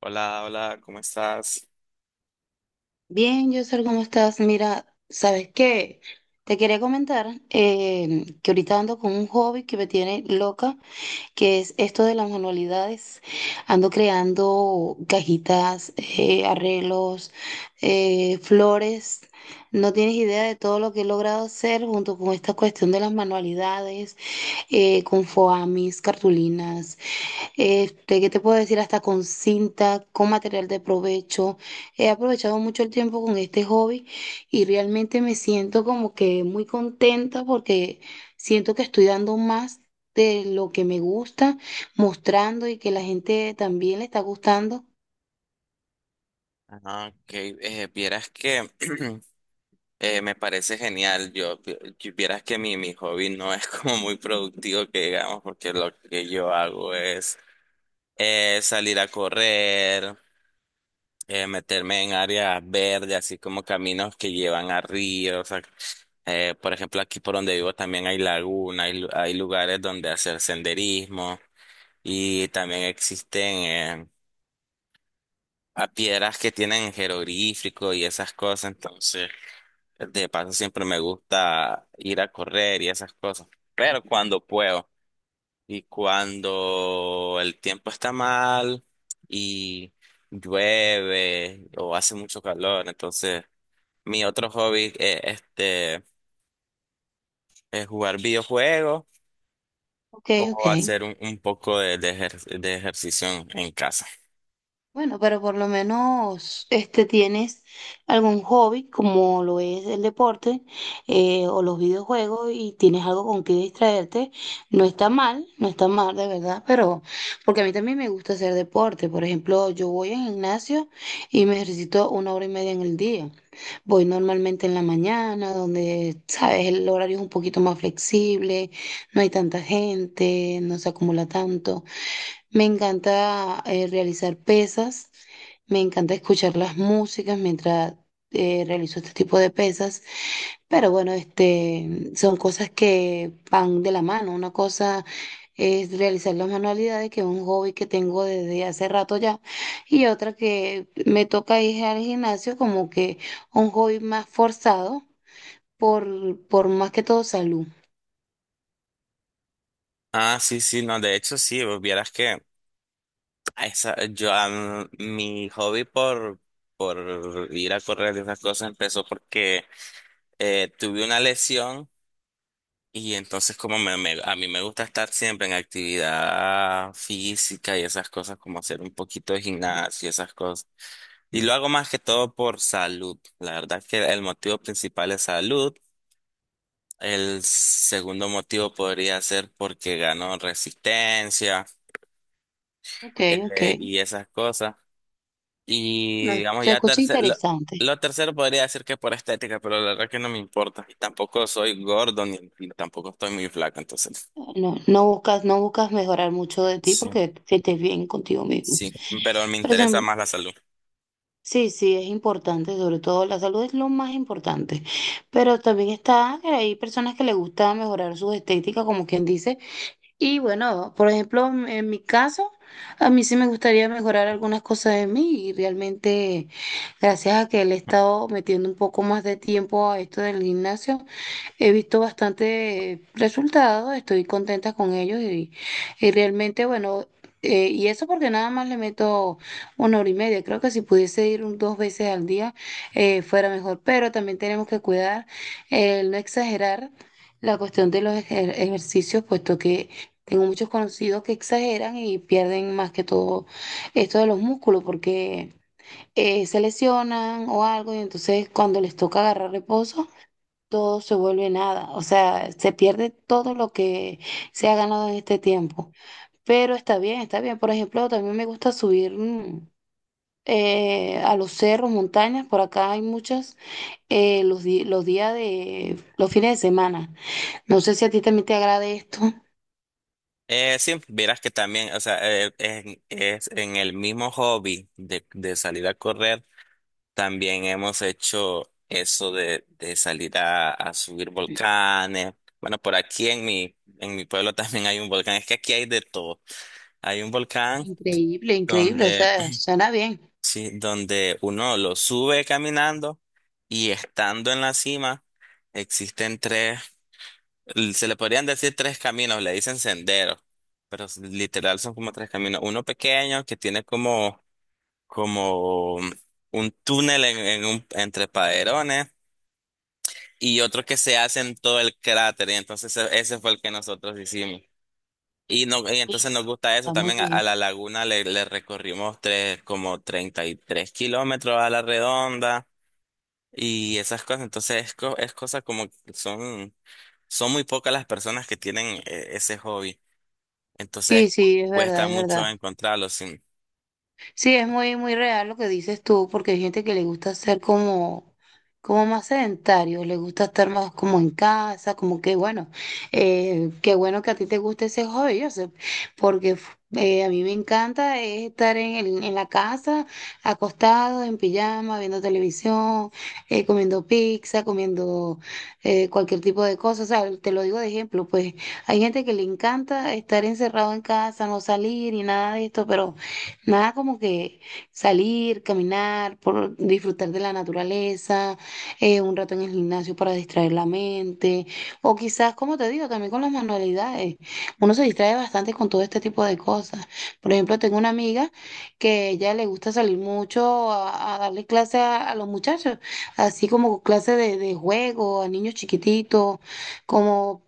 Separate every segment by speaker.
Speaker 1: Hola, hola, ¿cómo estás?
Speaker 2: Bien, Yosel, ¿cómo estás? Mira, ¿sabes qué? Te quería comentar que ahorita ando con un hobby que me tiene loca, que es esto de las manualidades. Ando creando cajitas, arreglos, flores. No tienes idea de todo lo que he logrado hacer junto con esta cuestión de las manualidades, con foamis, cartulinas. Este, ¿qué te puedo decir? Hasta con cinta, con material de provecho. He aprovechado mucho el tiempo con este hobby y realmente me siento como que muy contenta porque siento que estoy dando más de lo que me gusta, mostrando y que la gente también le está gustando.
Speaker 1: Ah, ok, vieras que me parece genial. Vieras que mi hobby no es como muy productivo que digamos, porque lo que yo hago es salir a correr, meterme en áreas verdes, así como caminos que llevan a ríos. O sea, por ejemplo, aquí por donde vivo también hay laguna, hay lugares donde hacer senderismo y también existen eh, a piedras que tienen jeroglífico y esas cosas. Entonces de paso siempre me gusta ir a correr y esas cosas, pero cuando puedo y cuando el tiempo está mal y llueve o hace mucho calor, entonces mi otro hobby es jugar videojuegos
Speaker 2: Ok, ok.
Speaker 1: o hacer un poco de ejercicio en casa.
Speaker 2: Bueno, pero por lo menos este tienes algún hobby como lo es el deporte o los videojuegos y tienes algo con que distraerte. No está mal, no está mal de verdad, pero porque a mí también me gusta hacer deporte. Por ejemplo, yo voy al gimnasio y me ejercito una hora y media en el día. Voy normalmente en la mañana, donde, sabes, el horario es un poquito más flexible, no hay tanta gente, no se acumula tanto. Me encanta realizar pesas, me encanta escuchar las músicas mientras realizo este tipo de pesas, pero bueno, este, son cosas que van de la mano. Una cosa es realizar las manualidades, que es un hobby que tengo desde hace rato ya, y otra que me toca ir al gimnasio como que un hobby más forzado por más que todo salud.
Speaker 1: Ah, sí, sí, no, de hecho sí, vos vieras que... Esa, mi hobby por ir a correr y esas cosas empezó porque tuve una lesión. Y entonces como a mí me gusta estar siempre en actividad física y esas cosas, como hacer un poquito de gimnasio y esas cosas. Y lo hago más que todo por salud. La verdad que el motivo principal es salud. El segundo motivo podría ser porque gano resistencia
Speaker 2: Ok, ok.
Speaker 1: y esas cosas.
Speaker 2: No,
Speaker 1: Y digamos,
Speaker 2: se
Speaker 1: ya
Speaker 2: escucha
Speaker 1: tercero,
Speaker 2: interesante.
Speaker 1: lo tercero podría decir que por estética, pero la verdad que no me importa. Y tampoco soy gordo ni tampoco estoy muy flaco, entonces.
Speaker 2: No, no buscas, no buscas mejorar mucho de ti
Speaker 1: Sí,
Speaker 2: porque que estés bien contigo mismo.
Speaker 1: sí, pero me
Speaker 2: Pero
Speaker 1: interesa
Speaker 2: sin-
Speaker 1: más la salud.
Speaker 2: sí, sí, es importante, sobre todo la salud es lo más importante. Pero también está, que hay personas que les gusta mejorar su estética, como quien dice. Y bueno, por ejemplo, en mi caso, a mí sí me gustaría mejorar algunas cosas de mí y realmente, gracias a que le he estado metiendo un poco más de tiempo a esto del gimnasio. He visto bastante resultados, estoy contenta con ellos y realmente, bueno, y eso porque nada más le meto una hora y media. Creo que si pudiese ir dos veces al día fuera mejor, pero también tenemos que cuidar el no exagerar la cuestión de los ejercicios, puesto que tengo muchos conocidos que exageran y pierden más que todo esto de los músculos porque se lesionan o algo y entonces cuando les toca agarrar reposo todo se vuelve nada, o sea, se pierde todo lo que se ha ganado en este tiempo. Pero está bien, está bien. Por ejemplo, también me gusta subir a los cerros, montañas, por acá hay muchas, los días de, los fines de semana. No sé si a ti también te agrade esto.
Speaker 1: Sí, verás que también, o sea, es en el mismo hobby de salir a correr, también hemos hecho eso de salir a subir volcanes. Bueno, por aquí en mi pueblo también hay un volcán, es que aquí hay de todo. Hay un volcán
Speaker 2: Increíble, increíble, o
Speaker 1: donde...
Speaker 2: sea, suena bien.
Speaker 1: Sí, donde uno lo sube caminando y estando en la cima existen tres, se le podrían decir tres caminos, le dicen senderos, pero literal son como tres caminos. Uno pequeño que tiene como, como un túnel entre paderones, y otro que se hace en todo el cráter, y entonces ese fue el que nosotros hicimos. Y no, y entonces nos gusta eso.
Speaker 2: Está muy
Speaker 1: También a
Speaker 2: bien.
Speaker 1: la laguna le recorrimos tres, como 33 kilómetros a la redonda, y esas cosas. Entonces es cosa como que son, son muy pocas las personas que tienen ese hobby. Entonces
Speaker 2: Sí, sí, es verdad,
Speaker 1: cuesta
Speaker 2: es
Speaker 1: mucho
Speaker 2: verdad.
Speaker 1: encontrarlo. Sí,
Speaker 2: Sí, es muy, muy real lo que dices tú, porque hay gente que le gusta ser como, como más sedentario, le gusta estar más como en casa, como que bueno, qué bueno que a ti te guste ese hobby, yo sé, porque a mí me encanta es estar en, en la casa, acostado, en pijama, viendo televisión, comiendo pizza, comiendo cualquier tipo de cosas, o sea, te lo digo de ejemplo, pues hay gente que le encanta estar encerrado en casa, no salir y nada de esto, pero nada como que salir, caminar, por disfrutar de la naturaleza, un rato en el gimnasio para distraer la mente, o quizás, como te digo, también con las manualidades. Uno se distrae bastante con todo este tipo de cosas. Por ejemplo, tengo una amiga que ella le gusta salir mucho a darle clase a los muchachos, así como clase de juego a niños chiquititos, como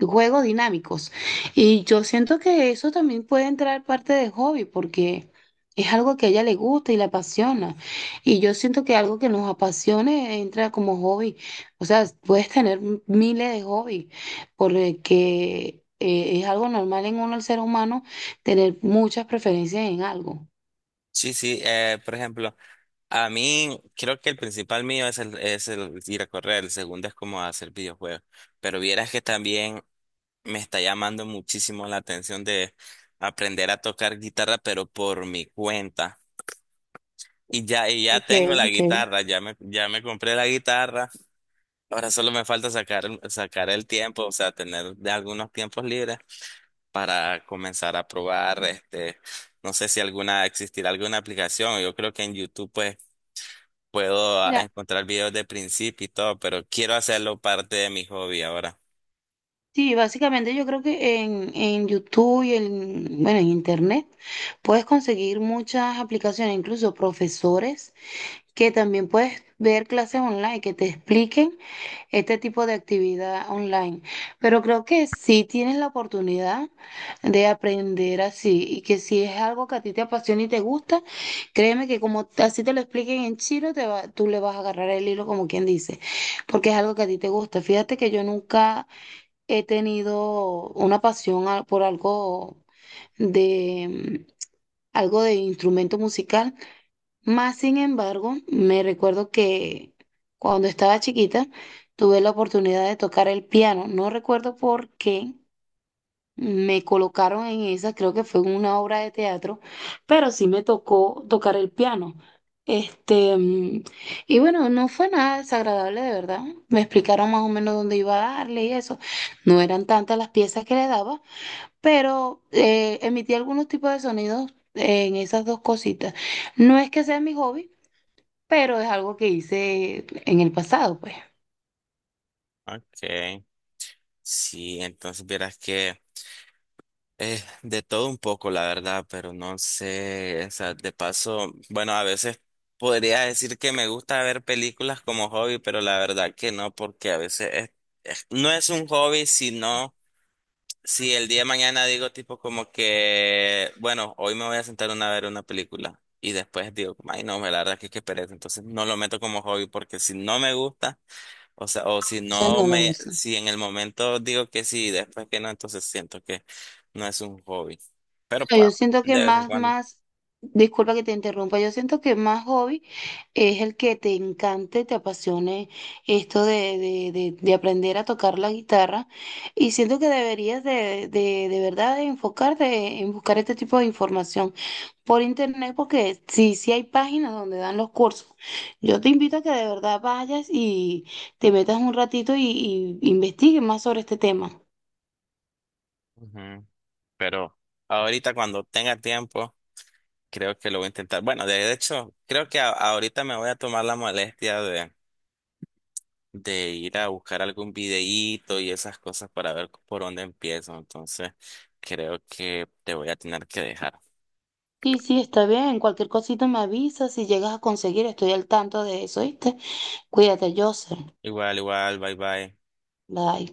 Speaker 2: juegos dinámicos. Y yo siento que eso también puede entrar parte de hobby, porque es algo que a ella le gusta y le apasiona. Y yo siento que algo que nos apasione entra como hobby. O sea, puedes tener miles de hobbies, porque es algo normal en uno, el ser humano, tener muchas preferencias en algo.
Speaker 1: sí, sí. Por ejemplo, a mí creo que el principal mío es es el ir a correr, el segundo es como hacer videojuegos. Pero vieras que también me está llamando muchísimo la atención de aprender a tocar guitarra, pero por mi cuenta. Y ya tengo
Speaker 2: Okay,
Speaker 1: la
Speaker 2: okay.
Speaker 1: guitarra, ya me compré la guitarra. Ahora solo me falta sacar el tiempo, o sea, tener de algunos tiempos libres para comenzar a probar, no sé si alguna, existirá alguna aplicación. Yo creo que en YouTube pues puedo
Speaker 2: Mira,
Speaker 1: encontrar videos de principio y todo, pero quiero hacerlo parte de mi hobby ahora.
Speaker 2: sí, básicamente yo creo que en YouTube y en, bueno, en internet puedes conseguir muchas aplicaciones, incluso profesores, que también puedes ver clases online que te expliquen este tipo de actividad online. Pero creo que sí tienes la oportunidad de aprender así y que si es algo que a ti te apasiona y te gusta, créeme que como así te lo expliquen en chino, tú le vas a agarrar el hilo como quien dice, porque es algo que a ti te gusta. Fíjate que yo nunca he tenido una pasión por algo de mm, algo de instrumento musical, más sin embargo, me recuerdo que cuando estaba chiquita tuve la oportunidad de tocar el piano. No recuerdo por qué me colocaron en esa, creo que fue en una obra de teatro, pero sí me tocó tocar el piano. Este, y bueno, no fue nada desagradable de verdad. Me explicaron más o menos dónde iba a darle y eso. No eran tantas las piezas que le daba, pero emití algunos tipos de sonidos en esas dos cositas. No es que sea mi hobby pero es algo que hice en el pasado, pues.
Speaker 1: Okay. Sí, entonces vieras que... De todo un poco, la verdad, pero no sé, o sea, de paso, bueno, a veces podría decir que me gusta ver películas como hobby, pero la verdad que no, porque a veces no es un hobby, sino si el día de mañana digo tipo como que, bueno, hoy me voy a sentar una, a ver una película y después digo, ay no, la verdad que es que pereza, entonces no lo meto como hobby porque si no me gusta. O sea, o si
Speaker 2: Entonces
Speaker 1: no
Speaker 2: no lo
Speaker 1: me,
Speaker 2: uso.
Speaker 1: si en el momento digo que sí, después que no, entonces siento que no es un hobby. Pero
Speaker 2: No,
Speaker 1: pa,
Speaker 2: yo siento que
Speaker 1: de vez en
Speaker 2: más,
Speaker 1: cuando.
Speaker 2: más, disculpa que te interrumpa, yo siento que más hobby es el que te encante, te apasione esto de aprender a tocar la guitarra y siento que deberías de verdad de enfocarte en buscar este tipo de información por internet porque sí, sí hay páginas donde dan los cursos. Yo te invito a que de verdad vayas y te metas un ratito y investigues más sobre este tema.
Speaker 1: Ujú. Pero ahorita cuando tenga tiempo, creo que lo voy a intentar. Bueno, de hecho, creo que ahorita me voy a tomar la molestia de ir a buscar algún videíto y esas cosas para ver por dónde empiezo. Entonces, creo que te voy a tener que dejar.
Speaker 2: Sí, sí, está bien. Cualquier cosita me avisas si llegas a conseguir. Estoy al tanto de eso, ¿viste? Cuídate, Joseph.
Speaker 1: Igual, igual, bye bye.
Speaker 2: Bye.